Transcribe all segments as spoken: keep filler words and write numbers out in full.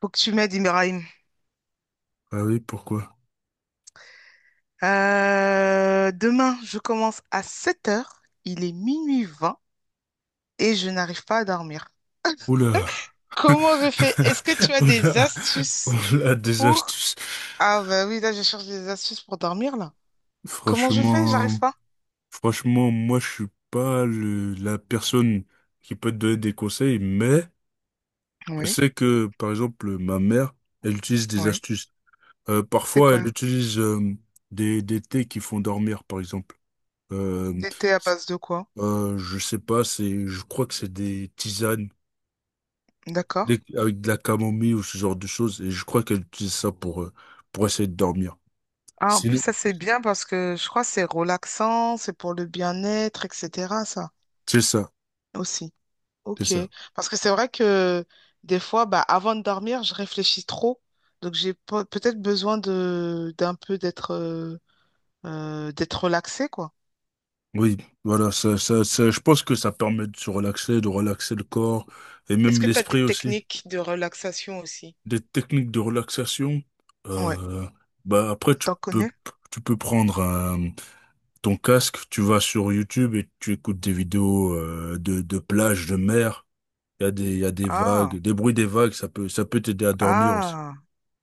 Faut que tu m'aides, Ibrahim. Ah oui, pourquoi? Euh, demain, je commence à sept heures. Il est minuit vingt et je n'arrive pas à dormir. Oula! Comment je fais? Est-ce que tu as des Oula! astuces Oula, des pour... astuces. Ah bah oui, là, je cherche des astuces pour dormir, là. Comment je fais? J'arrive Franchement, pas. franchement, moi, je suis pas le- la personne qui peut te donner des conseils, mais je Oui, sais que, par exemple, ma mère, elle utilise des oui. astuces. Euh, C'est Parfois, elle quoi? utilise euh, des, des thés qui font dormir, par exemple. Euh, Des thés à base de quoi? euh, je sais pas, c'est, je crois que c'est des tisanes. D'accord. Dès- avec de la camomille ou ce genre de choses. Et je crois qu'elle utilise ça pour, euh, pour essayer de dormir. Ah, en plus, Sinon, ça, c'est bien parce que je crois que c'est relaxant, c'est pour le bien-être, et cetera, ça, c'est ça, aussi. c'est Ok, ça. parce que c'est vrai que des fois, bah, avant de dormir, je réfléchis trop, donc j'ai pe- peut-être besoin de d'un peu d'être euh, euh, d'être relaxé, quoi. Oui, voilà, ça, ça, ça, je pense que ça permet de se relaxer, de relaxer le corps et Est-ce même que tu as des l'esprit aussi. techniques de relaxation aussi? Des techniques de relaxation. Ouais, Euh, Bah après, tu t'en peux, connais? tu peux prendre un- ton casque, tu vas sur YouTube et tu écoutes des vidéos euh, de, de plage, de mer. Il y a des, il y a des vagues, Ah, des bruits des vagues, ça peut, ça peut t'aider à dormir aussi. ah,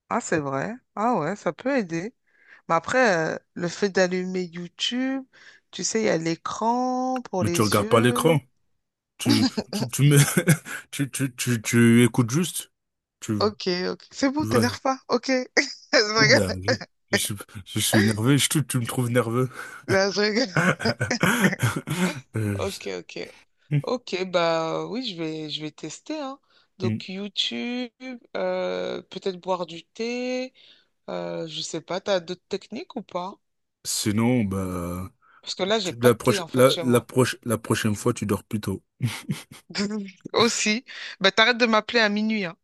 ah, c'est vrai. Ah ouais, ça peut aider. Mais après, euh, le fait d'allumer YouTube, tu sais, il y a l'écran pour Mais tu les regardes pas yeux. l'écran. Tu, tu, tu me, tu, tu, tu, tu écoutes juste. Tu, Ok, ok, c'est Tu bon, vas. t'énerve pas. Ok, je Oula, rigole. je, je suis, je suis énervé. Je, tu, tu me trouves nerveux. Non, je rigole. Euh, je sais. Ok, ok. Ok, bah oui, je vais, je vais tester, hein. Hmm. Donc YouTube, euh, peut-être boire du thé, euh, je sais pas, t'as d'autres techniques ou pas? Sinon, bah, Parce que là, j'ai tu, pas la, de thé proche, en fait la, chez la, moi. proche, la prochaine fois, tu dors plus tôt. Aussi. Bah t'arrêtes de m'appeler à minuit, hein.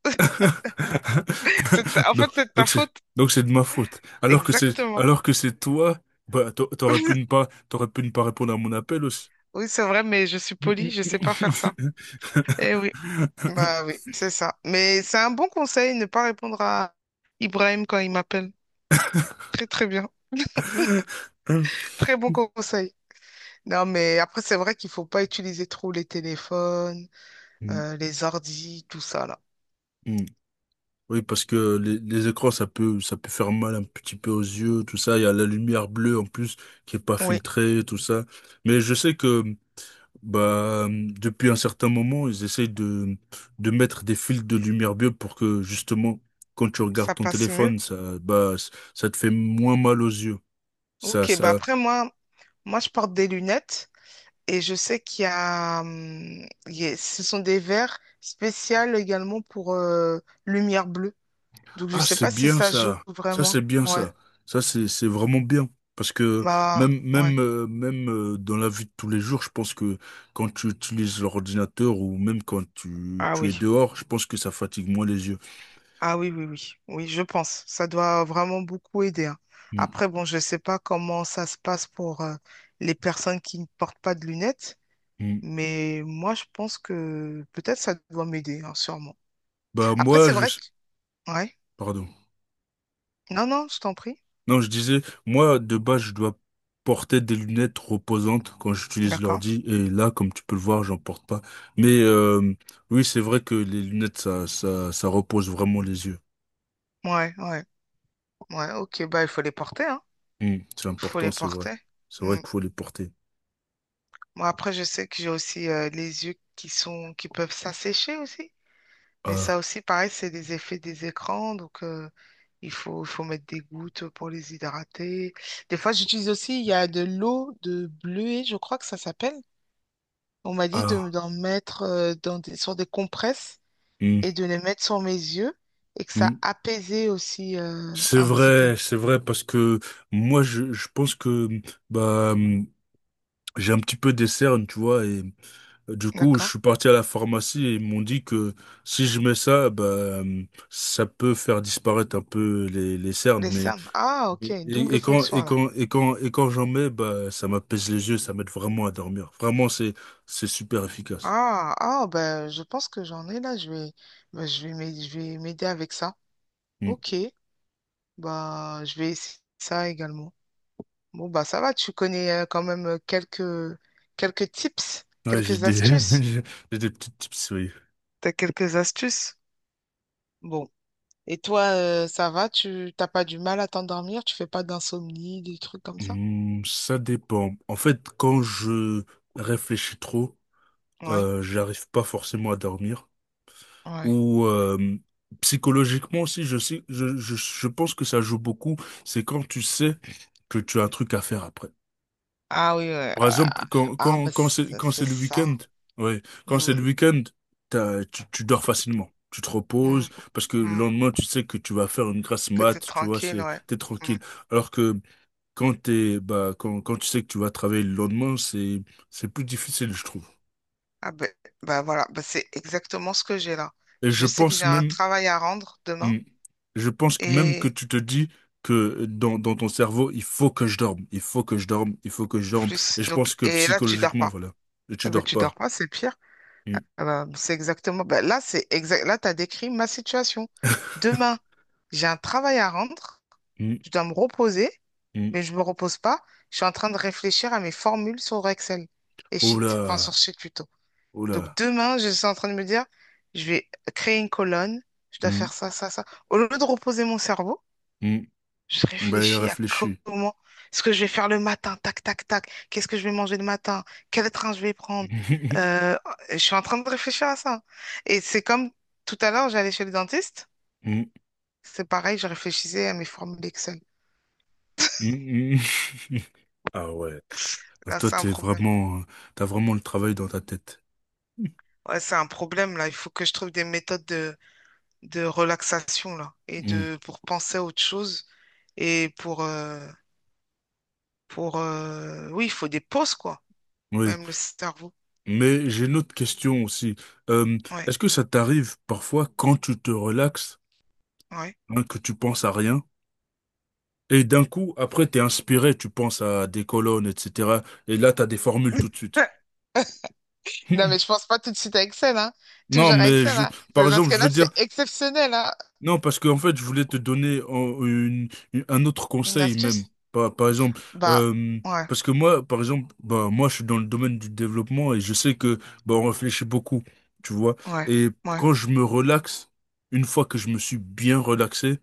C'est ta- En Donc, fait, c'est de ta donc c'est, faute. donc c'est de ma faute. Alors que c'est, Exactement. Alors que c'est toi, bah, t'a- t'aurais pu ne pas, t'aurais pu ne pas répondre à mon appel aussi. Oui, c'est vrai, mais je suis polie, je sais pas faire ça. Eh oui, bah oui, c'est ça. Mais c'est un bon conseil, ne pas répondre à Ibrahim quand il m'appelle. Très très bien. Très bon conseil. Non, mais après, c'est vrai qu'il faut pas utiliser trop les téléphones, Mm, euh, les ordis, tout ça, là. mm. Oui, parce que les, les écrans, ça peut, ça peut faire mal un petit peu aux yeux, tout ça. Il y a la lumière bleue en plus qui est pas Oui, filtrée, tout ça. Mais je sais que, bah, depuis un certain moment, ils essayent de, de mettre des filtres de lumière bleue pour que, justement, quand tu regardes ça ton passe mieux. téléphone, ça, bah, ça te fait moins mal aux yeux. Ça, Ok, bah ça, après, moi, moi, je porte des lunettes et je sais qu'il y a, hum, il y a- ce sont des verres spéciaux également pour euh, lumière bleue. Donc, je Ah, sais c'est pas si bien ça joue ça. Ça, vraiment. c'est bien Ouais, ça. Ça, c'est, c'est vraiment bien. Parce que bah, même, ouais. même, euh, même euh, dans la vie de tous les jours, je pense que quand tu utilises l'ordinateur ou même quand tu, Ah tu es oui. dehors, je pense que ça fatigue moins les yeux. Ah oui, oui, oui, oui, je pense. Ça doit vraiment beaucoup aider, hein. Mm, Après, bon, je ne sais pas comment ça se passe pour euh, les personnes qui ne portent pas de lunettes, mm. mais moi, je pense que peut-être ça doit m'aider, hein, sûrement. Bah, Après, moi, c'est vrai je... que... Ouais. Pardon. Non, non, je t'en prie. Non, je disais, moi, de base, je dois porter des lunettes reposantes quand j'utilise D'accord. l'ordi. Et là, comme tu peux le voir, j'en porte pas. Mais euh, oui, c'est vrai que les lunettes, ça, ça, ça repose vraiment les yeux. Ouais, ouais, ouais. Ok, bah, il faut les porter, hein. U, c'est Il faut important, les c'est vrai. porter. C'est vrai Mm. qu'il faut les porter. Moi, après, je sais que j'ai aussi euh, les yeux qui sont, qui peuvent s'assécher aussi. Mais A, ça aussi, pareil, c'est les effets des écrans. Donc, euh, il faut, il faut mettre des gouttes pour les hydrater. Des fois, j'utilise aussi, il y a de l'eau de bleuet, je crois que ça s'appelle. On m'a dit de, A, d'en mettre euh, dans des, sur des compresses U, et de les mettre sur mes yeux et que ça U. apaisait aussi euh, C'est un petit peu. vrai, c'est vrai, parce que moi, je, je pense que bah, hum, j'ai un petit peu des cernes, tu vois, et euh, du coup, je D'accord? suis parti à la pharmacie et ils m'ont dit que si je mets ça, bah, hum, ça peut faire disparaître un peu les, les cernes, Les mais cernes. Ah, ok. et, Double et quand fonction et alors. quand et quand et quand j'en mets, bah, ça m'apaise les yeux, ça m'aide vraiment à dormir. Vraiment, c'est c'est super efficace. Ah, ah, ben, je pense que j'en ai là. Je vais, ben, je vais m'aider je vais m'aider avec ça. Hmm. Ok. Bah, je vais essayer ça également. Bon, bah ça va, tu connais euh, quand même euh, quelques, quelques tips, Ouais, j'ai quelques des, astuces. j'ai j'ai des petites tips, oui. T'as quelques astuces? Bon. Et toi, euh, ça va? Tu t'as pas du mal à t'endormir? Tu fais pas d'insomnie, des trucs comme ça? Hmm, ça dépend. En fait, quand je réfléchis trop, Ouais, euh, j'arrive pas forcément à dormir. ouais. Ou euh, psychologiquement aussi, je sais, je, je, je pense que ça joue beaucoup. C'est quand tu sais que tu as un truc à faire après. Ah oui, ouais. Par exemple, Ah, quand, ah, quand, bah quand c'est, c'est quand c'est c'est le ça. week-end, ouais, quand c'est Mm, le week-end, t'as- tu, tu dors facilement. Tu te mm, reposes parce que le mm. lendemain, tu sais que tu vas faire une grasse Que t'es mat, tu vois, tranquille, c'est, ouais. t'es Mm. tranquille. Alors que quand t'es, bah, quand, quand tu sais que tu vas travailler le lendemain, c'est, c'est plus difficile, je trouve. Ah ben bah, voilà, bah, c'est exactement ce que j'ai là. Et Je je sais que pense j'ai un même, travail à rendre demain hmm, je pense que même que et tu te dis que dans, dans ton cerveau, il faut que je dorme, il faut que je dorme, il faut que je dorme. plus. Et je pense Donc, que et là, tu dors psychologiquement, pas. voilà, tu Eh ben, dors tu dors pas. pas, c'est pire. Hmm. Ah bah, c'est exactement, bah, là, c'est exact. Là, tu as décrit ma situation. Demain, j'ai un travail à rendre. Hmm, Je dois me reposer, hmm. mais je me repose pas. Je suis en train de réfléchir à mes formules sur Excel et Oh Sheet, enfin sur là, Sheet plutôt. oh Donc là. demain, je suis en train de me dire, je vais créer une colonne. Je dois Hmm, faire ça, ça, ça. Au lieu de reposer mon cerveau, hmm. je Ben, il a réfléchis à réfléchi. comment ce que je vais faire le matin, tac, tac, tac. Qu'est-ce que je vais manger le matin? Quel train je vais prendre? Euh, je suis en train de réfléchir à ça. Et c'est comme tout à l'heure, j'allais chez le dentiste. Hmm, C'est pareil, je réfléchissais à mes formules Excel. hmm, hmm. Ah ouais. Ah, Là, Toi, c'est un t'es problème. vraiment, t'as vraiment le travail dans ta tête. Ouais, c'est un problème, là. Il faut que je trouve des méthodes de, de relaxation, là. Et Hmm. de, pour penser à autre chose. Et pour, euh, pour, euh, oui, il faut des pauses, quoi. Oui. Même le cerveau. Mais j'ai une autre question aussi. Euh, Ouais, Est-ce que ça t'arrive parfois quand tu te relaxes, ouais. hein, que tu penses à rien, et d'un coup, après, t'es inspiré, tu penses à des colonnes, et cetera. Et là, t'as des formules tout de suite. Non, mais je pense pas tout de suite à Excel, hein. Non, Toujours à mais Excel, je, hein. par Parce exemple, que je là veux dire. c'est exceptionnel, hein. Non, parce qu'en fait, je voulais te donner en- une- une- un autre Une conseil même. astuce? Par, par exemple, Bah, euh, ouais, parce que moi, par exemple, bah, moi, je suis dans le domaine du développement et je sais que bah, on réfléchit beaucoup, tu vois. ouais, Et ouais, quand je me relaxe, une fois que je me suis bien relaxé,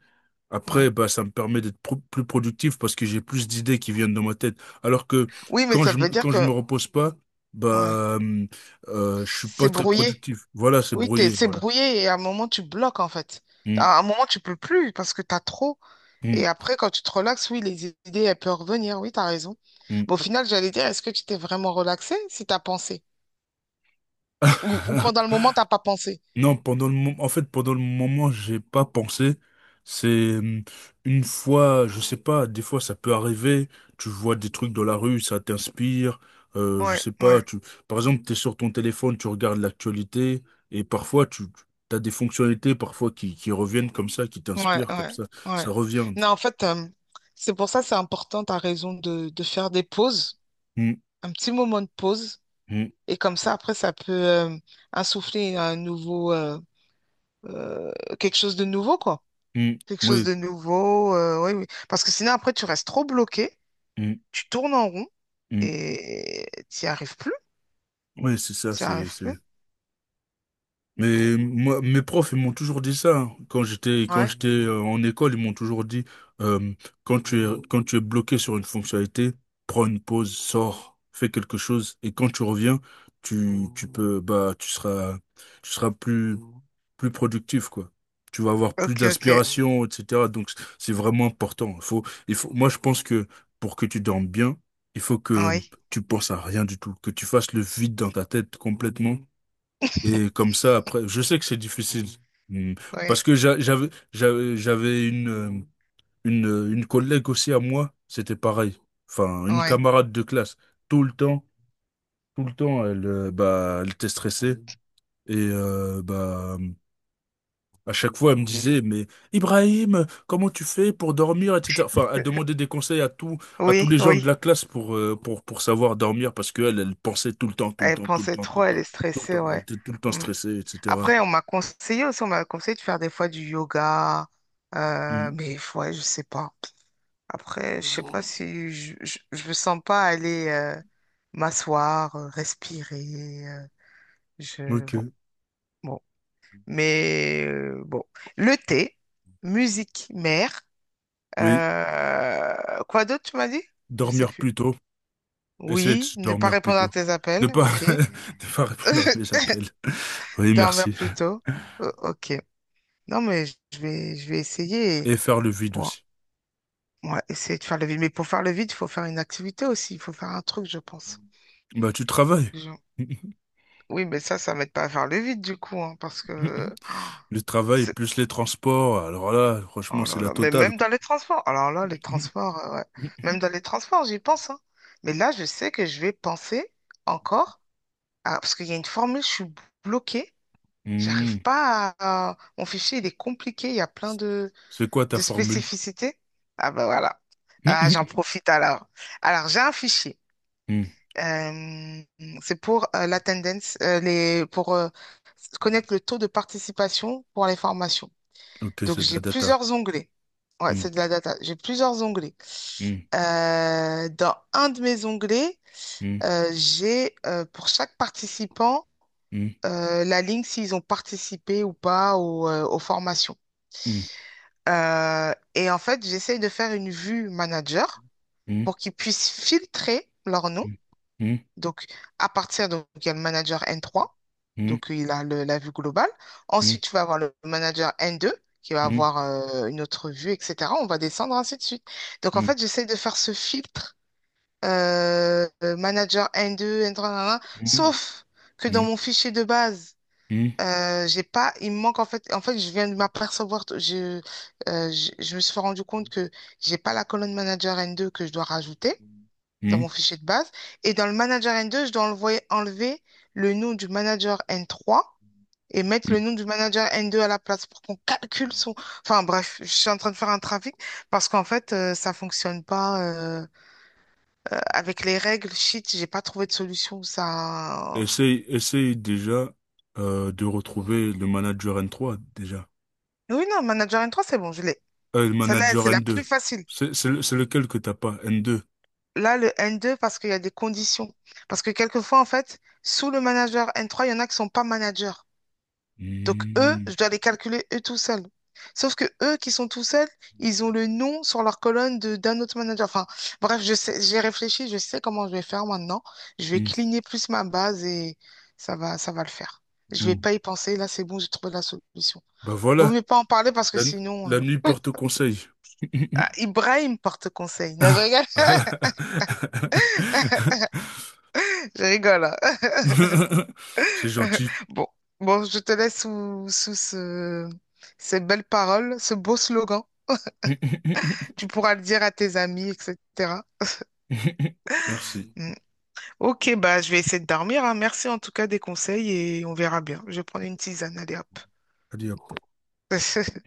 ouais. après, bah, ça me permet d'être pro- plus productif parce que j'ai plus d'idées qui viennent dans ma tête. Alors que Oui, mais quand ça je, veut me- dire quand je que, me repose pas, ouais, bah, hum, euh, je suis c'est pas très brouillé. productif. Voilà, c'est Oui, t'es, brouillé, c'est voilà. brouillé et à un moment, tu bloques, en fait. Hum, À un moment, tu peux plus parce que t'as trop. hum, Et après, quand tu te relaxes, oui, les idées, elles peuvent revenir. Oui, t'as raison. hum. Bon, au final, j'allais dire, est-ce que tu t'es vraiment relaxé si t'as pensé? Ou, ou pendant le moment, t'as pas pensé? Non, pendant le moment, en fait, pendant le moment, j'ai pas pensé. C'est hum, une fois, je sais pas, des fois ça peut arriver, tu vois des trucs dans la rue, ça t'inspire, euh, je Ouais, sais pas, ouais. tu, par exemple, t'es sur ton téléphone, tu regardes l'actualité, et parfois tu as des fonctionnalités, parfois qui, qui reviennent comme ça, qui Ouais, t'inspirent comme ouais, ça, ouais. ça revient. Non, en fait, euh, c'est pour ça c'est important, t'as raison, de, de faire des pauses, Hum, un petit moment de pause. hum, Et comme ça, après, ça peut euh, insuffler un nouveau, euh, euh, quelque chose de nouveau, quoi. hum, Quelque chose oui, de nouveau, euh, oui, oui. Parce que sinon, après, tu restes trop bloqué, hum, tu tournes en rond hum. et t'y arrives plus. Oui, c'est ça, T'y c'est, arrives plus. c'est- Bon, Mais moi, mes profs, ils m'ont toujours dit ça. hein. Quand j'étais, quand ouais. j'étais euh, en école, ils m'ont toujours dit, euh, quand tu es, quand tu es bloqué sur une fonctionnalité, prends une pause, sors, fais quelque chose, et quand tu reviens, tu, tu peux, bah, tu seras, tu seras plus, plus productif, quoi. Tu vas avoir plus Ok, ok. d'inspiration, et cetera. Donc, c'est vraiment important. Il faut, il faut, moi, je pense que pour que tu dormes bien, il faut que Oui, tu penses à rien du tout, que tu fasses le vide dans ta tête complètement et comme ça, après, je sais que c'est difficile. Mm. oui, Parce que j'a- j'avais, j'avais, j'avais une, euh, une, euh, une collègue aussi à moi, c'était pareil. Enfin, une oui. camarade de classe. Tout le temps, tout le temps, elle, euh, bah, elle était stressée. Et euh, bah, à chaque fois, elle me disait, mais Ibrahim, comment tu fais pour dormir, et cetera. Enfin, elle demandait des conseils à tout, à tous Oui, les gens de oui. la classe pour, euh, pour, pour savoir dormir parce qu'elle, elle elle pensait tout le temps, tout le Elle temps, tout le pensait temps, tout trop, le elle temps, est tout le stressée, temps. Elle ouais. était tout le temps Mm. stressée, et cetera. Après, on m'a conseillé aussi, on m'a conseillé de faire des fois du yoga, euh, mais ouais, je sais pas. Après, je sais pas Ok. si je, je, je me sens pas aller euh, m'asseoir, euh, respirer. Euh, je Bon, bon. Mais euh, bon, le thé, musique mère. Oui. euh, quoi d'autre tu m'as dit? Je sais Dormir plus. plus tôt. Essayer de Oui, ne pas dormir plus répondre à tôt. tes Ne appels, pas, ok. Ne pas répondre à mes appels. Oui, Dormir merci. plus tôt, euh, ok. Non mais je vais, je vais essayer. Et faire le vide Bon, aussi. ouais, essayer de faire le vide. Mais pour faire le vide, il faut faire une activité aussi. Il faut faire un truc, je pense. Bah, tu Pour travailles. Oui, mais ça, ça m'aide pas à faire le vide, du coup, hein, parce que Le travail c'est... plus les transports. Alors là, Oh franchement, c'est là la là. Mais totale, même quoi. dans les transports. Alors là, les transports, euh, ouais. Même dans les transports, j'y pense, hein. Mais là, je sais que je vais penser encore à- Parce qu'il y a une formule, je suis bloquée. J'arrive Hmm. pas à... à- Mon fichier, il est compliqué. Il y a plein de, C'est quoi ta de formule? spécificités. Ah ben voilà. Ah, j'en profite alors. Alors, j'ai un fichier. Hmm. Euh, c'est pour euh, la euh, les, pour euh, connaître le taux de participation pour les formations. Ok, Donc, c'est de j'ai la data. plusieurs onglets. Ouais, Hmm. c'est de la data. J'ai plusieurs onglets. Hmm. Euh, dans un de mes onglets, Hmm. euh, j'ai euh, pour chaque participant euh, la ligne s'ils ont participé ou pas au, euh, aux formations. Hmm. Euh, et en fait, j'essaye de faire une vue manager Hmm. pour qu'ils puissent filtrer leurs noms. Hmm. Hmm. Donc, à partir, donc, il y a le manager N trois, Hmm. donc euh, il a le- la vue globale. Ensuite, tu vas avoir le manager N deux qui va Hmm. avoir euh, une autre vue, et cetera. On va descendre ainsi de suite. Donc, Hmm. en Hmm. fait, j'essaie de faire ce filtre euh, euh, manager N deux, N trois, nanana, Hmm. sauf que Hmm. Hmm. dans mon fichier de base, Hmm. hmm, euh, j'ai pas, il me manque en fait, en fait, je viens de m'apercevoir, je, euh, je, je me suis rendu compte que j'ai pas la colonne manager N deux que je dois rajouter dans hmm, mon fichier de base. Et dans le manager N deux, je dois enlever, enlever le nom du manager N trois et mettre hmm, le nom du manager N deux à la place pour qu'on calcule son... Enfin bref, je suis en train de faire un trafic parce qu'en fait, euh, ça fonctionne pas euh, euh, avec les règles. Shit, j'ai pas trouvé de solution. Ça... Essaye, essaye déjà euh, de retrouver le manager n trois déjà. Oui, non, manager N trois, c'est bon, je l'ai. Euh, le Celle-là, manager c'est la n plus deux facile. C'est c'est le- c'est lequel que t'as pas, n deux? Là, le N deux, parce qu'il y a des conditions. Parce que quelquefois, en fait, sous le manager N trois, il y en a qui sont pas managers. Donc, eux, Hmm, je dois les calculer eux tout seuls. Sauf que eux qui sont tout seuls, ils ont le nom sur leur colonne de d'un autre manager. Enfin, bref, je sais, j'ai réfléchi, je sais comment je vais faire maintenant. Je vais hmm, cligner plus ma base et ça va, ça va le faire. Je vais hmm. pas y penser. Là, c'est bon, j'ai trouvé la solution. Bah Vaut voilà, mieux pas en parler parce que la, nu- sinon, la nuit euh, porte conseil. ah, Ibrahim porte conseil. Non, je Ah. rigole, je rigole, hein. C'est gentil. Bon, bon, je te laisse sous, sous ce- ces belles paroles, ce beau slogan. Tu pourras le dire à tes amis, et cetera. Merci. Ok, bah je vais essayer de dormir, hein. Merci en tout cas des conseils et on verra bien. Je vais prendre une tisane, allez hop. Allez, hop.